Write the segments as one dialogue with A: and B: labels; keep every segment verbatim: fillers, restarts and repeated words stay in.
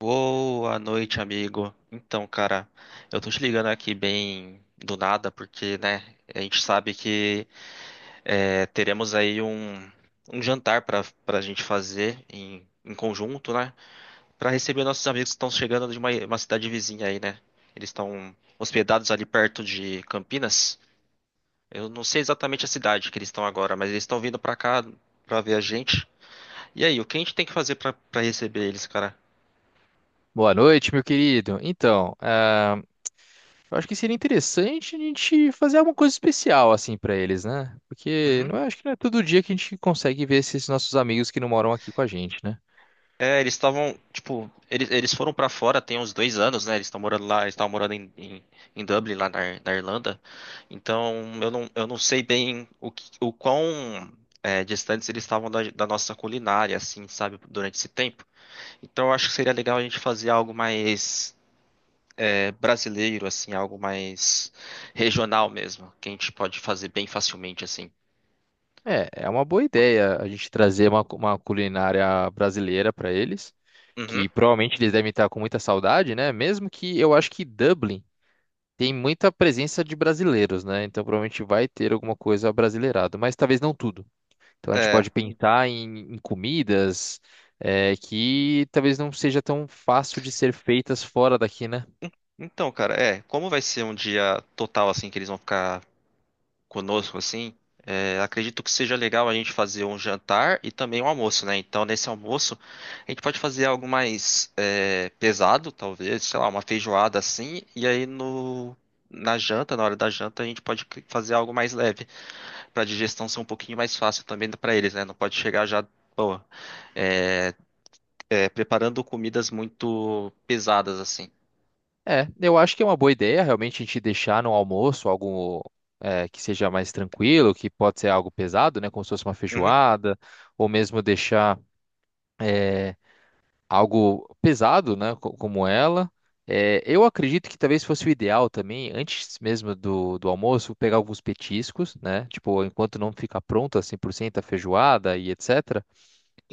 A: Boa noite, amigo. Então, cara, eu tô te ligando aqui bem do nada, porque, né, a gente sabe que é, teremos aí um, um jantar pra, pra gente fazer em, em conjunto, né, pra receber nossos amigos que estão chegando de uma, uma cidade vizinha aí, né. Eles estão hospedados ali perto de Campinas. Eu não sei exatamente a cidade que eles estão agora, mas eles estão vindo pra cá pra ver a gente. E aí, o que a gente tem que fazer pra, pra receber eles, cara?
B: Boa noite, meu querido. Então, ah, eu acho que seria interessante a gente fazer alguma coisa especial assim pra eles, né? Porque não é, acho que não é todo dia que a gente consegue ver esses nossos amigos que não moram aqui com a gente, né?
A: É, eles estavam, tipo, eles, eles foram pra fora tem uns dois anos, né? Eles estão morando lá, eles estavam morando em, em, em Dublin, lá na, Ir- na Irlanda. Então, eu não, eu não sei bem o, que- o quão é, distantes eles estavam da, da nossa culinária, assim, sabe, durante esse tempo. Então, eu acho que seria legal a gente fazer algo mais é, brasileiro, assim, algo mais regional mesmo, que a gente pode fazer bem facilmente, assim.
B: É, é uma boa ideia a gente trazer uma, cu- uma culinária brasileira pra eles,
A: Uhum.
B: que provavelmente eles devem estar com muita saudade, né? Mesmo que eu acho que Dublin tem muita presença de brasileiros, né? Então provavelmente vai ter alguma coisa brasileirada, mas talvez não tudo. Então a gente
A: É.
B: pode pensar em, em comidas é, que talvez não seja tão fácil de ser feitas fora daqui, né?
A: Então, cara, é, como vai ser um dia total assim que eles vão ficar conosco, assim, é, acredito que seja legal a gente fazer um jantar e também um almoço, né? Então, nesse almoço, a gente pode fazer algo mais é, pesado, talvez, sei lá, uma feijoada assim, e aí no. Na janta, na hora da janta, a gente pode fazer algo mais leve, para a digestão ser um pouquinho mais fácil também para eles, né? Não pode chegar já, pô, é, é, preparando comidas muito pesadas assim.
B: É, eu acho que é uma boa ideia realmente a gente deixar no almoço algo é, que seja mais tranquilo, que pode ser algo pesado, né? Como se fosse uma
A: Uhum.
B: feijoada, ou mesmo deixar. eh, Algo pesado, né, co- como ela. É, eu acredito que talvez fosse o ideal também, antes mesmo do, do almoço, pegar alguns petiscos, né? Tipo, enquanto não fica pronta cem por cento a feijoada e etcetera.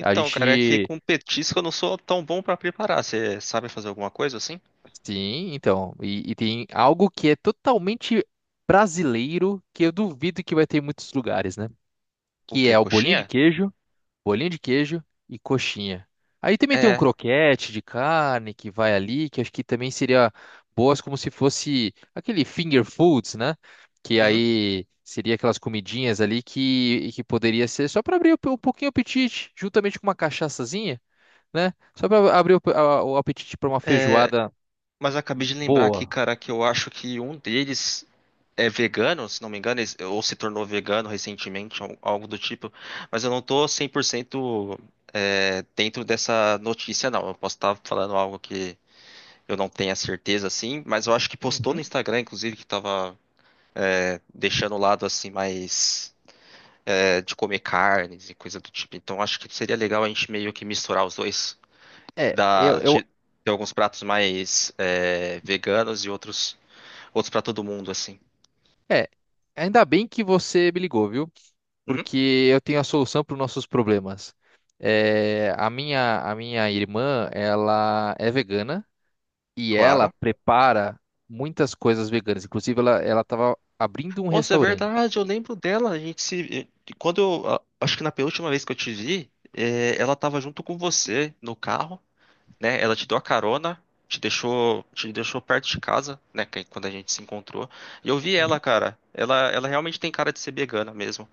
B: A
A: cara, é que
B: gente.
A: com petisco eu não sou tão bom para preparar. Você sabe fazer alguma coisa assim?
B: Sim, então. E, e tem algo que é totalmente brasileiro, que eu duvido que vai ter em muitos lugares, né?
A: O
B: Que
A: quê?
B: é o bolinho de
A: Coxinha?
B: queijo, bolinha de queijo e coxinha. Aí também tem um
A: É,
B: croquete de carne que vai ali, que acho que também seria boas como se fosse aquele finger foods, né? Que
A: uhum.
B: aí seria aquelas comidinhas ali que, que poderia ser só para abrir um pouquinho o apetite, juntamente com uma cachaçazinha, né? Só para abrir o, a- o apetite para uma
A: É,
B: feijoada
A: mas eu acabei de lembrar aqui,
B: boa.
A: cara, que eu acho que um deles é vegano, se não me engano, eles- ou se tornou vegano recentemente, al- algo do tipo. Mas eu não tô cem por cento é, dentro dessa notícia, não. Eu posso estar falando algo que eu não tenha certeza, assim, mas eu acho que postou no
B: Uhum.
A: Instagram, inclusive, que tava é, deixando o lado, assim, mais é, de comer carnes e coisa do tipo. Então acho que seria legal a gente meio que misturar os dois.
B: É, eu,
A: dá- ti-
B: eu
A: Tem alguns pratos mais é, veganos e outros outros para todo mundo, assim.
B: É, ainda bem que você me ligou, viu?
A: Uhum,
B: Porque eu tenho a solução para os nossos problemas. É, a minha, a minha irmã, ela é vegana e ela
A: claro.
B: prepara muitas coisas veganas. Inclusive, ela, ela tava abrindo um
A: Nossa, é
B: restaurante.
A: verdade, eu lembro dela. A gente se. Quando eu. a- Acho que na penúltima vez que eu te vi, é, ela tava junto com você no carro, né? Ela te deu a carona, te deixou, te deixou perto de casa, né? que- Quando a gente se encontrou. E eu vi ela,
B: Uhum.
A: cara. Ela, ela realmente tem cara de ser vegana mesmo.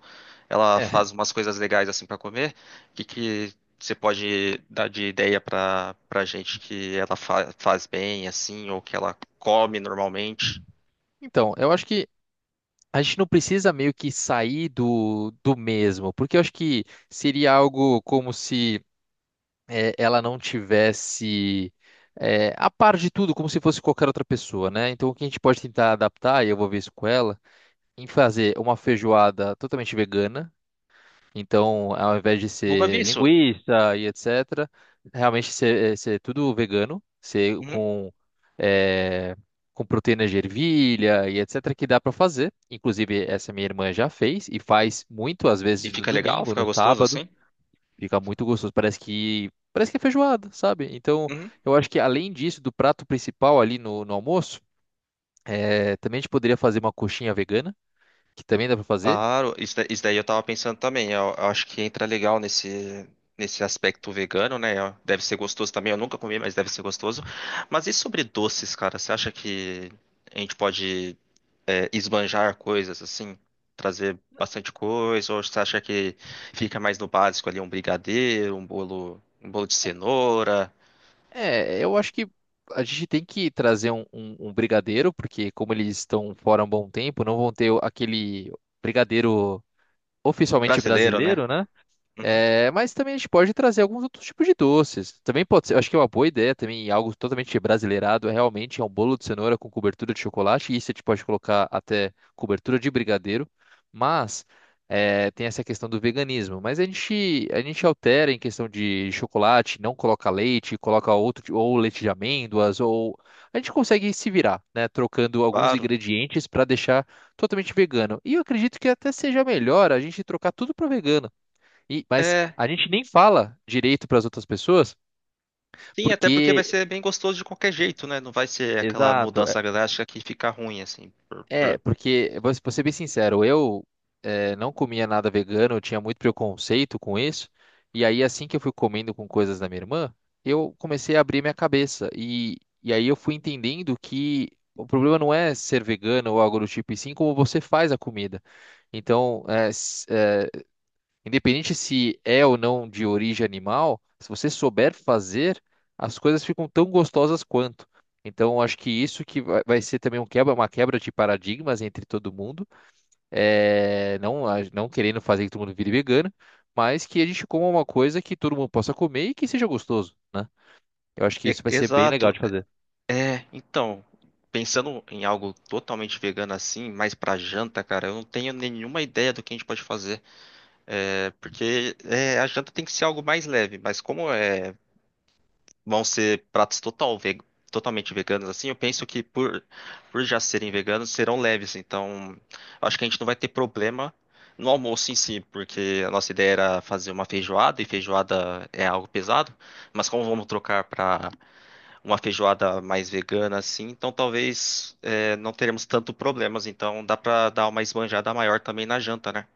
A: Ela
B: É.
A: faz umas coisas legais assim para comer. O que que você pode dar de ideia para para gente que ela fa- faz bem assim ou que ela come normalmente?
B: Então, eu acho que a gente não precisa meio que sair do, do mesmo, porque eu acho que seria algo como se eh, ela não tivesse eh, a par de tudo, como se fosse qualquer outra pessoa, né? Então, o que a gente pode tentar adaptar, e eu vou ver isso com ela, em fazer uma feijoada totalmente vegana. Então, ao invés de
A: Nunca vi
B: ser
A: isso.
B: linguiça e etcetera, realmente ser, eh, ser tudo vegano, ser
A: Uhum.
B: com, eh, com proteína de ervilha e etcetera, que dá para fazer. Inclusive, essa minha irmã já fez e faz muito, às
A: E
B: vezes no
A: fica legal,
B: domingo,
A: fica
B: no
A: gostoso
B: sábado.
A: assim?
B: Fica muito gostoso. Parece que parece que é feijoada, sabe? Então,
A: Uhum.
B: eu acho que além disso, do prato principal ali no, no almoço, é, também a gente poderia fazer uma coxinha vegana, que também dá pra fazer.
A: Claro, isso, da- isso daí eu tava pensando também. Eu, eu acho que entra legal nesse nesse aspecto vegano, né? Deve ser gostoso também. Eu nunca comi, mas deve ser gostoso. Mas e sobre doces, cara? Você acha que a gente pode é, esbanjar coisas, assim, trazer bastante coisa, ou você acha que fica mais no básico ali, um brigadeiro, um bolo, um bolo de cenoura,
B: É, eu acho que a gente tem que trazer um, um- um brigadeiro, porque como eles estão fora há um bom tempo, não vão ter o- aquele brigadeiro oficialmente
A: brasileiro, né?
B: brasileiro, né?
A: Uhum,
B: É, mas também a gente pode trazer alguns outros tipos de doces. Também pode ser, eu acho que é uma boa ideia também, algo totalmente brasileirado, é realmente é um bolo de cenoura com cobertura de chocolate, e isso a gente pode colocar até cobertura de brigadeiro, mas é, tem essa questão do veganismo. Mas a gente, a gente altera em questão de chocolate, não coloca leite, coloca outro, ti- ou leite de amêndoas, ou a gente consegue se virar, né, trocando alguns
A: claro.
B: ingredientes para deixar totalmente vegano. E eu acredito que até seja melhor a gente trocar tudo para vegano. E, mas
A: É,
B: a gente nem fala direito para as outras pessoas,
A: sim, até porque vai
B: porque
A: ser bem gostoso de qualquer jeito, né? Não vai ser aquela
B: exato. É,
A: mudança drástica que fica ruim, assim. por-
B: é,
A: por-
B: porque vou vou ser bem sincero, eu é, não comia nada vegano, eu tinha muito preconceito com isso. E aí assim que eu fui comendo com coisas da minha irmã, eu comecei a abrir minha cabeça e e aí eu fui entendendo que o problema não é ser vegano ou algo do tipo, e sim como você faz a comida. Então, é, independente se é ou não de origem animal, se você souber fazer, as coisas ficam tão gostosas quanto. Então, eu acho que isso que vai vai ser também um quebra, uma quebra de paradigmas entre todo mundo, é, não, a- não querendo fazer que todo mundo vire vegano, mas que a gente coma uma coisa que todo mundo possa comer e que seja gostoso, né? Eu acho que
A: E-
B: isso vai ser bem legal
A: Exato.
B: de fazer.
A: É, então, pensando em algo totalmente vegano assim, mais pra janta, cara, eu não tenho nenhuma ideia do que a gente pode fazer. É, porque é, a janta tem que ser algo mais leve, mas como é, vão ser pratos total ve- totalmente veganos assim, eu penso que por, por já serem veganos, serão leves. Então, acho que a gente não vai ter problema no almoço em si, porque a nossa ideia era fazer uma feijoada, e feijoada é algo pesado, mas como vamos trocar para uma feijoada mais vegana assim, então talvez é, não teremos tanto problemas. Então, dá para dar uma esbanjada maior também na janta, né?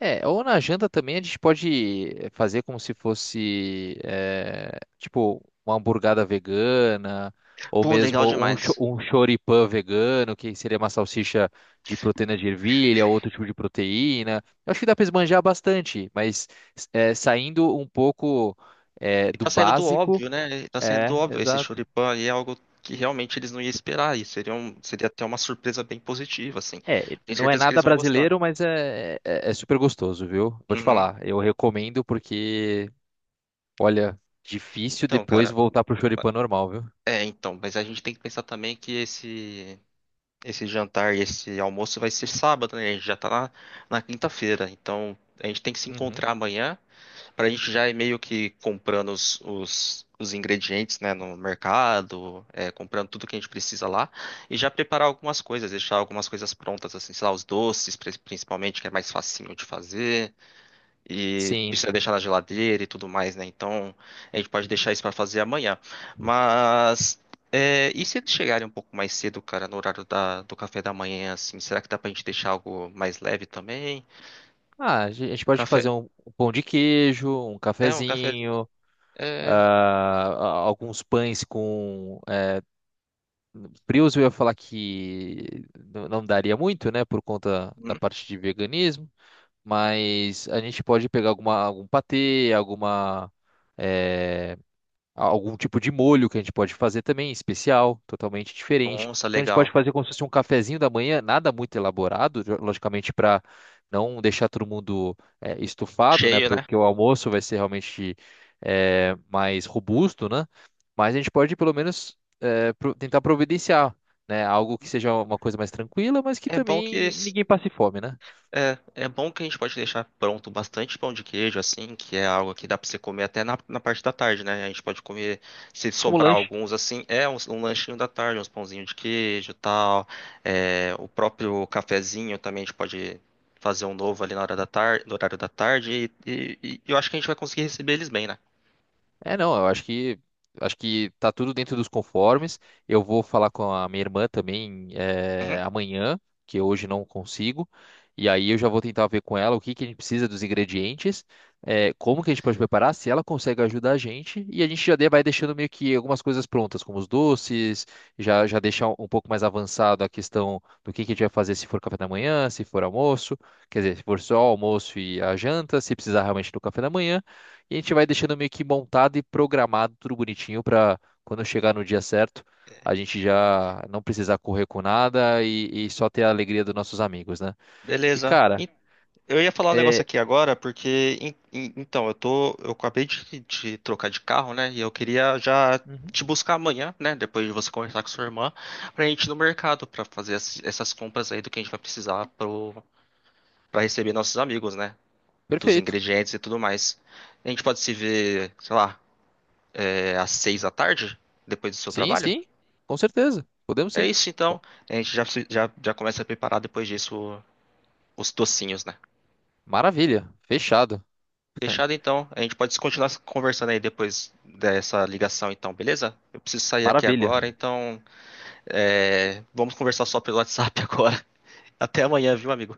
B: É, ou na janta também a gente pode eh, fazer como se fosse, eh, tipo, uma hamburgada vegana, ou
A: Pô, legal
B: mesmo um, cho-
A: demais.
B: um choripã vegano, que seria uma salsicha de proteína de ervilha, outro tipo de proteína. Eu acho que dá para esbanjar bastante, mas eh, saindo um pouco eh,
A: E
B: do
A: tá saindo do
B: básico.
A: óbvio, né? E tá saindo do
B: É,
A: óbvio. Esse
B: exato.
A: Choripan aí é algo que realmente eles não iam esperar. E seria, um, seria até uma surpresa bem positiva, assim.
B: É,
A: Tenho
B: não é
A: certeza que
B: nada
A: eles vão gostar.
B: brasileiro, mas é, é, é super gostoso, viu? Vou te
A: Uhum.
B: falar, eu recomendo porque olha, difícil
A: Então,
B: depois
A: cara.
B: voltar pro
A: ba-
B: choripã normal, viu?
A: É, então. Mas a gente tem que pensar também que esse, esse jantar e esse almoço vai ser sábado, né? A gente já tá na, na quinta-feira. Então, a gente tem que se
B: Uhum.
A: encontrar amanhã. Pra gente já ir meio que comprando os, os, os ingredientes, né, no mercado, é, comprando tudo que a gente precisa lá, e já preparar algumas coisas, deixar algumas coisas prontas, assim, sei lá, os doces, pri- principalmente, que é mais facinho de fazer, e
B: Sim.
A: precisa deixar na geladeira e tudo mais, né? Então, a gente pode deixar isso pra fazer amanhã. Mas, é, e se eles chegarem um pouco mais cedo, cara, no horário da, do café da manhã, assim, será que dá pra gente deixar algo mais leve também?
B: Ah, a gen- a gente pode
A: Café,
B: fazer um, um pão de queijo, um
A: é um café,
B: cafezinho,
A: é...
B: ah, a- alguns pães com eh, frios. Eu ia falar que n- não daria muito, né, por conta da
A: hum,
B: parte de veganismo, mas a gente pode pegar alguma, algum patê, alguma eh, algum tipo de molho que a gente pode fazer também, especial, totalmente diferente.
A: nossa,
B: Então a gente pode
A: legal.
B: fazer como se fosse um cafezinho da manhã, nada muito elaborado, jo- logicamente para não deixar todo mundo eh, estufado, né?
A: Cheio,
B: pro-
A: né?
B: Porque o almoço vai ser realmente eh, mais robusto, né? Mas a gente pode pelo menos eh, pro- tentar providenciar, né? Algo que seja uma coisa mais tranquila, mas que
A: É bom que
B: também
A: esse-
B: ninguém passe fome, né?
A: é, é bom que a gente pode deixar pronto bastante pão de queijo, assim, que é algo que dá pra você comer até na, na parte da tarde, né? A gente pode comer, se
B: Como
A: sobrar
B: lanche.
A: alguns, assim, é um, um lanchinho da tarde, uns pãozinhos de queijo e tal. É, o próprio cafezinho também a gente pode fazer um novo ali na hora da tarde, no horário da tarde, e, e- e eu acho que a gente vai conseguir receber eles bem, né?
B: É, não, eu acho que acho que tá tudo dentro dos conformes. Eu vou falar com a minha irmã também eh,
A: Uhum.
B: amanhã, que hoje não consigo. E aí eu já vou tentar ver com ela o que que a gente precisa dos ingredientes, eh, como que a gente pode preparar, se ela consegue ajudar a gente. E a gente já de- vai deixando meio que algumas coisas prontas, como os doces, já já deixar um um pouco mais avançado a questão do que que a gente vai fazer se for café da manhã, se for almoço, quer dizer, se for só almoço e a janta, se precisar realmente do café da manhã. E a gente vai deixando meio que montado e programado tudo bonitinho para quando chegar no dia certo, a gente já não precisar correr com nada e, e só ter a alegria dos nossos amigos, né? E
A: Beleza.
B: cara,
A: Eu ia falar um negócio
B: é,
A: aqui agora, porque em- em- então, eu tô, eu acabei de, de trocar de carro, né? E eu queria já
B: uhum.
A: te buscar amanhã, né? Depois de você conversar com sua irmã, pra gente ir no mercado pra fazer as- essas compras aí do que a gente vai precisar pro, pra receber nossos amigos, né? Dos
B: Perfeito.
A: ingredientes e tudo mais. A gente pode se ver, sei lá, é, às seis da tarde, depois do seu
B: Sim,
A: trabalho?
B: sim, com certeza. Podemos
A: É
B: sim.
A: isso então.
B: Bom,
A: A gente já, se- já, já começa a preparar depois disso os docinhos, né?
B: maravilha. Fechado.
A: Fechado então. A gente pode continuar conversando aí depois dessa ligação, então, beleza? Eu preciso sair aqui
B: Maravilha.
A: agora, então é, vamos conversar só pelo WhatsApp agora. Até amanhã, viu, amigo?